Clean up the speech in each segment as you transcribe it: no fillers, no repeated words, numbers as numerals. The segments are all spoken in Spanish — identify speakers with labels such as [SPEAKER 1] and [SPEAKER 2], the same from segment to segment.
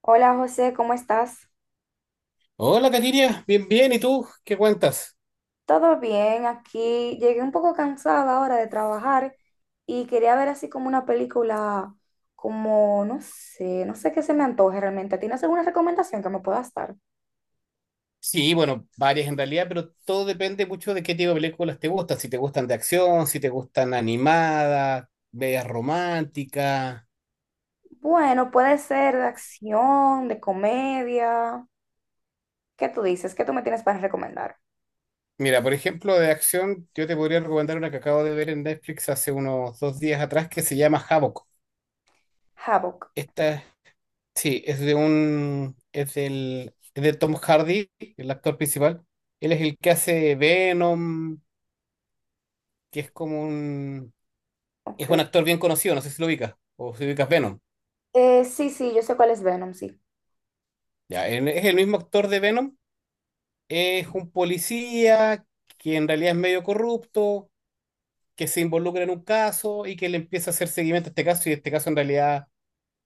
[SPEAKER 1] Hola José, ¿cómo estás?
[SPEAKER 2] Hola, Katiria, bien, bien, ¿y tú? ¿Qué cuentas?
[SPEAKER 1] ¿Todo bien? Aquí llegué un poco cansada ahora de trabajar y quería ver así como una película, como no sé, no sé qué se me antoje realmente. ¿Tienes alguna recomendación que me puedas dar?
[SPEAKER 2] Sí, bueno, varias en realidad, pero todo depende mucho de qué tipo de películas te gustan. Si te gustan de acción, si te gustan animadas, medias románticas.
[SPEAKER 1] Bueno, puede ser de acción, de comedia. ¿Qué tú dices? ¿Qué tú me tienes para recomendar?
[SPEAKER 2] Mira, por ejemplo, de acción, yo te podría recomendar una que acabo de ver en Netflix hace unos 2 días atrás que se llama Havoc.
[SPEAKER 1] Havoc,
[SPEAKER 2] Esta, sí, es de un, es del, es de Tom Hardy, el actor principal. Él es el que hace Venom. Que es como un Es un
[SPEAKER 1] ok.
[SPEAKER 2] actor bien conocido, no sé si lo ubicas, o si ubicas Venom.
[SPEAKER 1] Sí, sí, yo sé cuál es Venom, sí.
[SPEAKER 2] Ya, él es el mismo actor de Venom, es un policía que en realidad es medio corrupto, que se involucra en un caso y que le empieza a hacer seguimiento a este caso, y este caso en realidad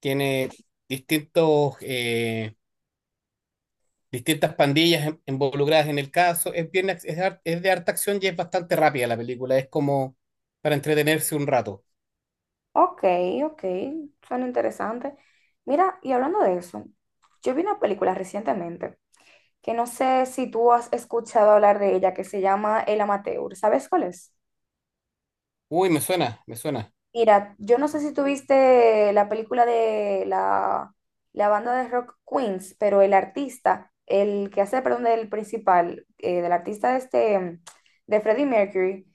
[SPEAKER 2] tiene distintos, eh, distintas pandillas involucradas en el caso. Es, bien, ac- es, har- es de harta acción y es bastante rápida la película, es como para entretenerse un rato.
[SPEAKER 1] Ok, ok, suena interesante. Mira, y hablando de eso, yo vi una película recientemente que no sé si tú has escuchado hablar de ella, que se llama El Amateur. ¿Sabes cuál es?
[SPEAKER 2] Uy, me suena, me suena.
[SPEAKER 1] Mira, yo no sé si tuviste la película de la banda de rock Queens, pero el artista, el que hace, perdón, del principal, del artista este, de Freddie Mercury,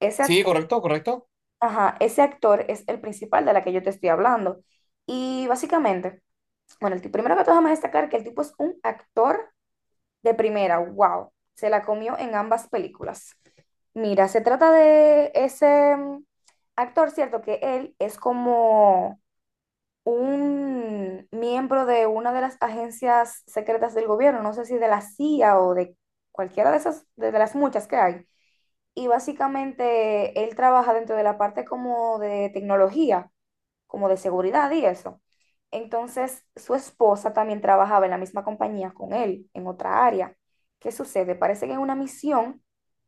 [SPEAKER 1] ese
[SPEAKER 2] Sí,
[SPEAKER 1] actor,
[SPEAKER 2] correcto, correcto.
[SPEAKER 1] ajá, ese actor es el principal de la que yo te estoy hablando. Y básicamente, bueno, primero que todo, déjame destacar que el tipo es un actor de primera, wow, se la comió en ambas películas. Mira, se trata de ese actor, ¿cierto? Que él es como un miembro de una de las agencias secretas del gobierno, no sé si de la CIA o de cualquiera de esas, de las muchas que hay. Y básicamente él trabaja dentro de la parte como de tecnología como de seguridad y eso. Entonces, su esposa también trabajaba en la misma compañía con él, en otra área. ¿Qué sucede? Parece que en una misión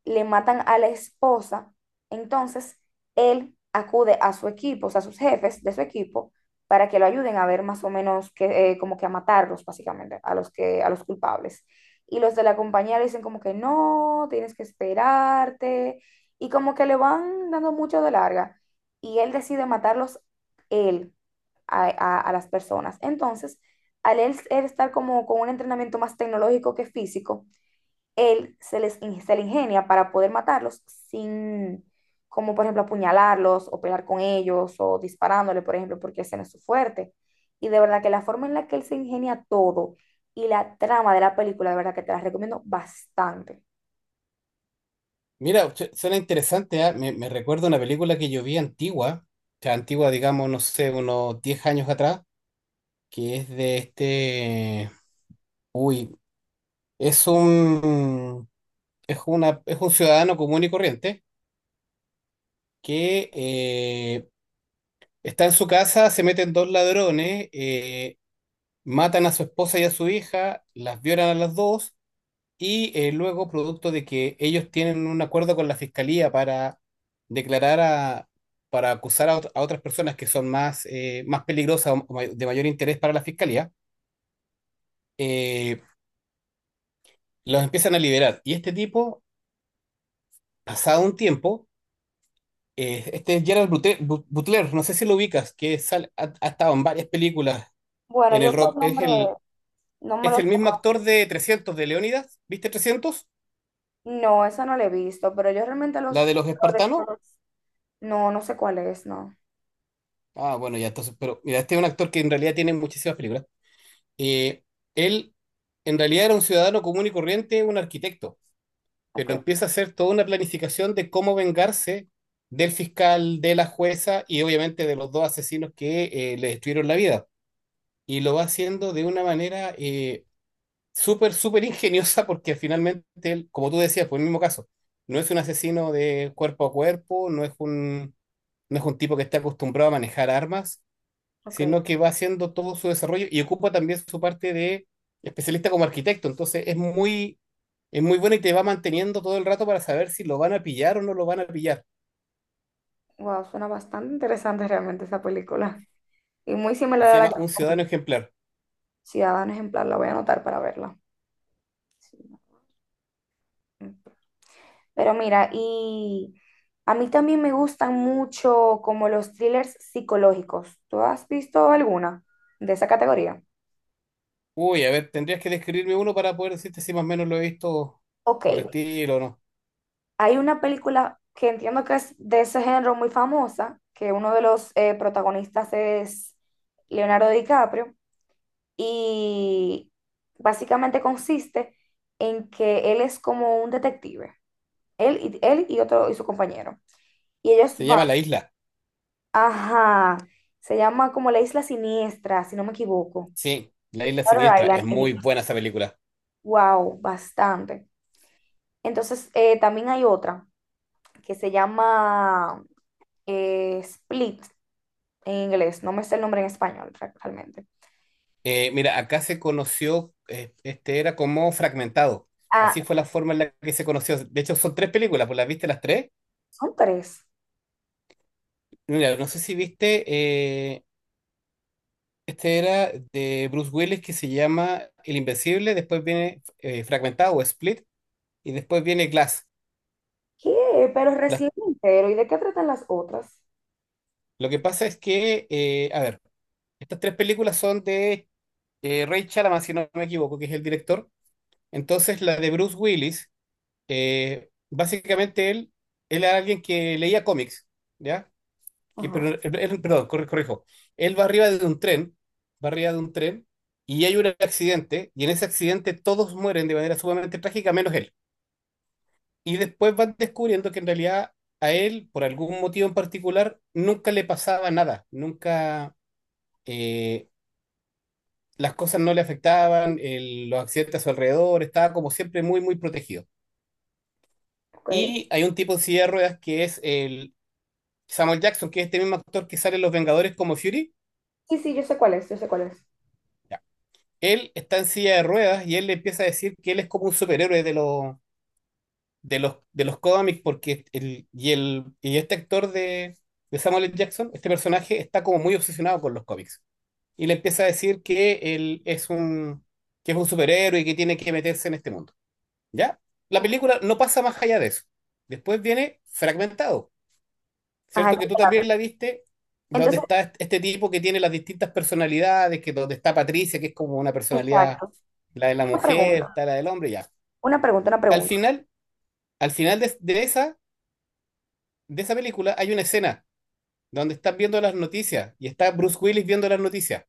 [SPEAKER 1] le matan a la esposa, entonces él acude a su equipo, o sea, a sus jefes de su equipo, para que lo ayuden a ver más o menos que, como que a matarlos, básicamente, a los, que, a los culpables. Y los de la compañía le dicen como que no, tienes que esperarte, y como que le van dando mucho de larga. Y él decide matarlos él a las personas. Entonces, al él estar como con un entrenamiento más tecnológico que físico, él se les se le ingenia para poder matarlos sin, como por ejemplo apuñalarlos o pelear con ellos o disparándole, por ejemplo, porque ese no es su fuerte. Y de verdad que la forma en la que él se ingenia todo y la trama de la película, de verdad que te la recomiendo bastante.
[SPEAKER 2] Mira, suena interesante, ¿ah? Me recuerda una película que yo vi antigua, o sea, antigua, digamos, no sé, unos 10 años atrás, que es de este... Uy, es un... es un ciudadano común y corriente que está en su casa, se meten dos ladrones, matan a su esposa y a su hija, las violan a las dos y luego producto de que ellos tienen un acuerdo con la fiscalía para declarar a, acusar a, a otras personas que son más peligrosas o de mayor interés para la fiscalía. eh, los empiezan a liberar. Y este tipo, pasado un tiempo, este es Gerard Butler, no sé si lo ubicas, que ha estado en varias películas
[SPEAKER 1] Bueno,
[SPEAKER 2] en el
[SPEAKER 1] yo por
[SPEAKER 2] rock, es
[SPEAKER 1] nombre
[SPEAKER 2] el,
[SPEAKER 1] no me
[SPEAKER 2] es
[SPEAKER 1] los...
[SPEAKER 2] el mismo actor de 300 de Leónidas. ¿Viste 300?
[SPEAKER 1] No, esa no la he visto, pero yo realmente
[SPEAKER 2] La
[SPEAKER 1] los
[SPEAKER 2] de los
[SPEAKER 1] actores
[SPEAKER 2] espartanos.
[SPEAKER 1] no, no sé cuál es, no.
[SPEAKER 2] Ah, bueno, ya entonces, pero mira, este es un actor que en realidad tiene muchísimas películas. Eh, Él en realidad era un ciudadano común y corriente, un arquitecto,
[SPEAKER 1] Ok,
[SPEAKER 2] pero empieza a hacer toda una planificación de cómo vengarse del fiscal, de la jueza y obviamente de los dos asesinos que le destruyeron la vida. Y lo va haciendo de una manera súper, súper ingeniosa porque finalmente él, como tú decías, por el mismo caso, no es un asesino de cuerpo a cuerpo, no es un tipo que está acostumbrado a manejar armas,
[SPEAKER 1] ok.
[SPEAKER 2] sino que va haciendo todo su desarrollo y ocupa también su parte de especialista como arquitecto. Entonces es muy bueno y te va manteniendo todo el rato para saber si lo van a pillar o no lo van a pillar.
[SPEAKER 1] Wow, suena bastante interesante realmente esa película. Y muy similar
[SPEAKER 2] Se
[SPEAKER 1] a la
[SPEAKER 2] llama
[SPEAKER 1] que
[SPEAKER 2] Un Ciudadano
[SPEAKER 1] recomiendo.
[SPEAKER 2] Ejemplar.
[SPEAKER 1] Ciudadano Ejemplar, la voy a anotar para verla. Sí. No. Pero mira, y a mí también me gustan mucho como los thrillers psicológicos. ¿Tú has visto alguna de esa categoría?
[SPEAKER 2] Uy, a ver, tendrías que describirme uno para poder decirte si más o menos lo he visto
[SPEAKER 1] Ok,
[SPEAKER 2] por estilo o no.
[SPEAKER 1] hay una película que entiendo que es de ese género muy famosa, que uno de los protagonistas es Leonardo DiCaprio, y básicamente consiste en que él es como un detective, él y otro y su compañero. Y ellos
[SPEAKER 2] Se
[SPEAKER 1] van,
[SPEAKER 2] llama La Isla.
[SPEAKER 1] ajá, se llama como la Isla Siniestra, si no me equivoco.
[SPEAKER 2] Sí, La Isla
[SPEAKER 1] Shutter
[SPEAKER 2] Siniestra.
[SPEAKER 1] Island
[SPEAKER 2] Es
[SPEAKER 1] en
[SPEAKER 2] muy buena
[SPEAKER 1] inglés.
[SPEAKER 2] esa película.
[SPEAKER 1] Wow, bastante. Entonces, también hay otra que se llama Split en inglés, no me sé el nombre en español realmente.
[SPEAKER 2] Mira, acá se conoció, este era como fragmentado.
[SPEAKER 1] Ah,
[SPEAKER 2] Así fue la forma en la que se conoció. De hecho, son tres películas, pues las viste las tres.
[SPEAKER 1] son tres.
[SPEAKER 2] Mira, no sé si viste, este era de Bruce Willis, que se llama El Invencible, después viene Fragmentado o Split y después viene Glass.
[SPEAKER 1] ¿Qué? Pero
[SPEAKER 2] Las-
[SPEAKER 1] recién entero. ¿Y de qué tratan las otras?
[SPEAKER 2] lo que pasa es que, a ver, estas tres películas son de Ray Chalamet, si no me equivoco, que es el director. Entonces, la de Bruce Willis, básicamente él era alguien que leía cómics, ¿ya? que,
[SPEAKER 1] Ajá,
[SPEAKER 2] pero, él- perdón, corrijo, él va arriba de un tren, va arriba de un tren y hay un accidente, y en ese accidente todos mueren de manera sumamente trágica menos él. Y después van descubriendo que en realidad a él, por algún motivo en particular, nunca le pasaba nada. Nunca eh, las cosas no le afectaban, los accidentes a su alrededor, estaba como siempre muy, muy protegido.
[SPEAKER 1] ok.
[SPEAKER 2] Y hay un tipo en silla de ruedas que es el Samuel Jackson, que es este mismo actor que sale en Los Vengadores como Fury.
[SPEAKER 1] Sí, sí, yo sé cuál es, yo sé cuál es.
[SPEAKER 2] Él está en silla de ruedas y él le empieza a decir que él es como un superhéroe de los cómics, porque el y este actor de Samuel L. Jackson, este personaje está como muy obsesionado con los cómics, y le empieza a decir que él es un superhéroe y que tiene que meterse en este mundo. ¿Ya? La
[SPEAKER 1] Ok.
[SPEAKER 2] película no pasa más allá de eso. Después viene fragmentado,
[SPEAKER 1] Ajá,
[SPEAKER 2] ¿cierto?
[SPEAKER 1] es
[SPEAKER 2] Que tú también
[SPEAKER 1] saludable.
[SPEAKER 2] la viste, donde
[SPEAKER 1] Entonces,
[SPEAKER 2] está este tipo que tiene las distintas personalidades, que donde está Patricia, que es como una personalidad
[SPEAKER 1] exacto.
[SPEAKER 2] la de la
[SPEAKER 1] Una
[SPEAKER 2] mujer,
[SPEAKER 1] pregunta,
[SPEAKER 2] está la del hombre, ya.
[SPEAKER 1] una pregunta, una
[SPEAKER 2] Al
[SPEAKER 1] pregunta.
[SPEAKER 2] final, al final de esa película hay una escena donde estás viendo las noticias y está Bruce Willis viendo las noticias.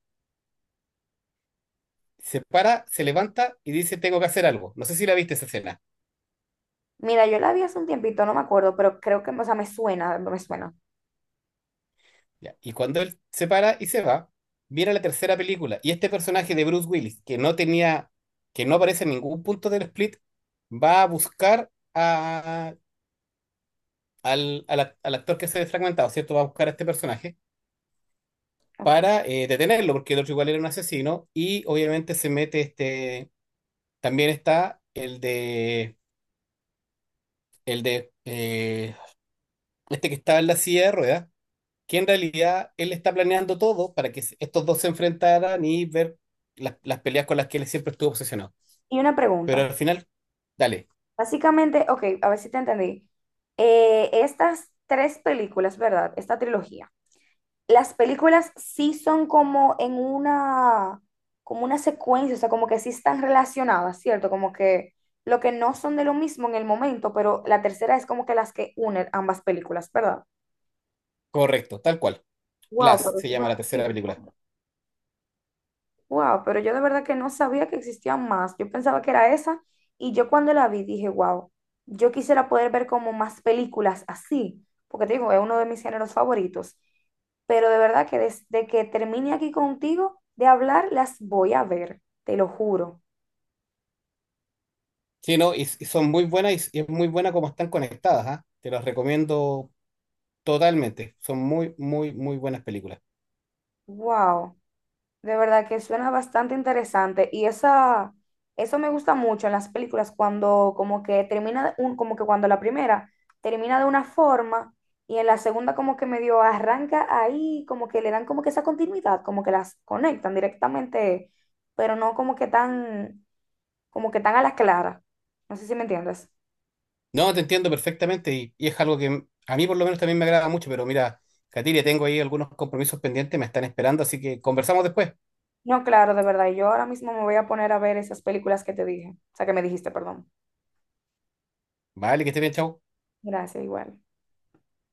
[SPEAKER 2] Se para, se levanta y dice, tengo que hacer algo. No sé si la viste esa escena.
[SPEAKER 1] Mira, yo la vi hace un tiempito, no me acuerdo, pero creo que, o sea, me suena, me suena.
[SPEAKER 2] Ya. Y cuando él se para y se va, viene la tercera película y este personaje de Bruce Willis, que no tenía, que no aparece en ningún punto del split, va a buscar a, al, al, act- al actor que se ha fragmentado, ¿cierto? Va a buscar a este personaje
[SPEAKER 1] Ok.
[SPEAKER 2] para detenerlo, porque el otro igual era un asesino, y obviamente se mete este, también está el de, eh, este que estaba en la silla de ruedas, que en realidad él está planeando todo para que estos dos se enfrentaran y ver las peleas con las que él siempre estuvo obsesionado.
[SPEAKER 1] Y una
[SPEAKER 2] Pero al
[SPEAKER 1] pregunta.
[SPEAKER 2] final, dale,
[SPEAKER 1] Básicamente, ok, a ver si te entendí. Estas tres películas, ¿verdad? Esta trilogía. Las películas sí son como en una, como una secuencia, o sea, como que sí están relacionadas, ¿cierto? Como que lo que no son de lo mismo en el momento, pero la tercera es como que las que unen ambas películas, ¿verdad?
[SPEAKER 2] correcto, tal cual.
[SPEAKER 1] Wow,
[SPEAKER 2] Glass
[SPEAKER 1] pero
[SPEAKER 2] se
[SPEAKER 1] eso es
[SPEAKER 2] llama
[SPEAKER 1] una.
[SPEAKER 2] la tercera película.
[SPEAKER 1] Wow, pero yo de verdad que no sabía que existían más. Yo pensaba que era esa y yo cuando la vi dije, wow, yo quisiera poder ver como más películas así, porque te digo, es uno de mis géneros favoritos. Pero de verdad que desde que termine aquí contigo de hablar, las voy a ver, te lo juro.
[SPEAKER 2] Sí, no, y son muy buenas y, y es muy buena como están conectadas, ¿ah? Te las recomiendo totalmente. Son muy, muy, muy buenas películas.
[SPEAKER 1] Wow. De verdad que suena bastante interesante y esa, eso me gusta mucho en las películas cuando como que termina, de un, como que cuando la primera termina de una forma y en la segunda como que medio arranca ahí, como que le dan como que esa continuidad, como que las conectan directamente, pero no como que tan, como que tan a la clara. No sé si me entiendes.
[SPEAKER 2] No, te entiendo perfectamente y es algo que a mí por lo menos también me agrada mucho, pero mira, Catiria, tengo ahí algunos compromisos pendientes, me están esperando, así que conversamos después.
[SPEAKER 1] No, claro, de verdad, yo ahora mismo me voy a poner a ver esas películas que te dije, o sea, que me dijiste, perdón.
[SPEAKER 2] Vale, que esté bien, chao.
[SPEAKER 1] Gracias, igual.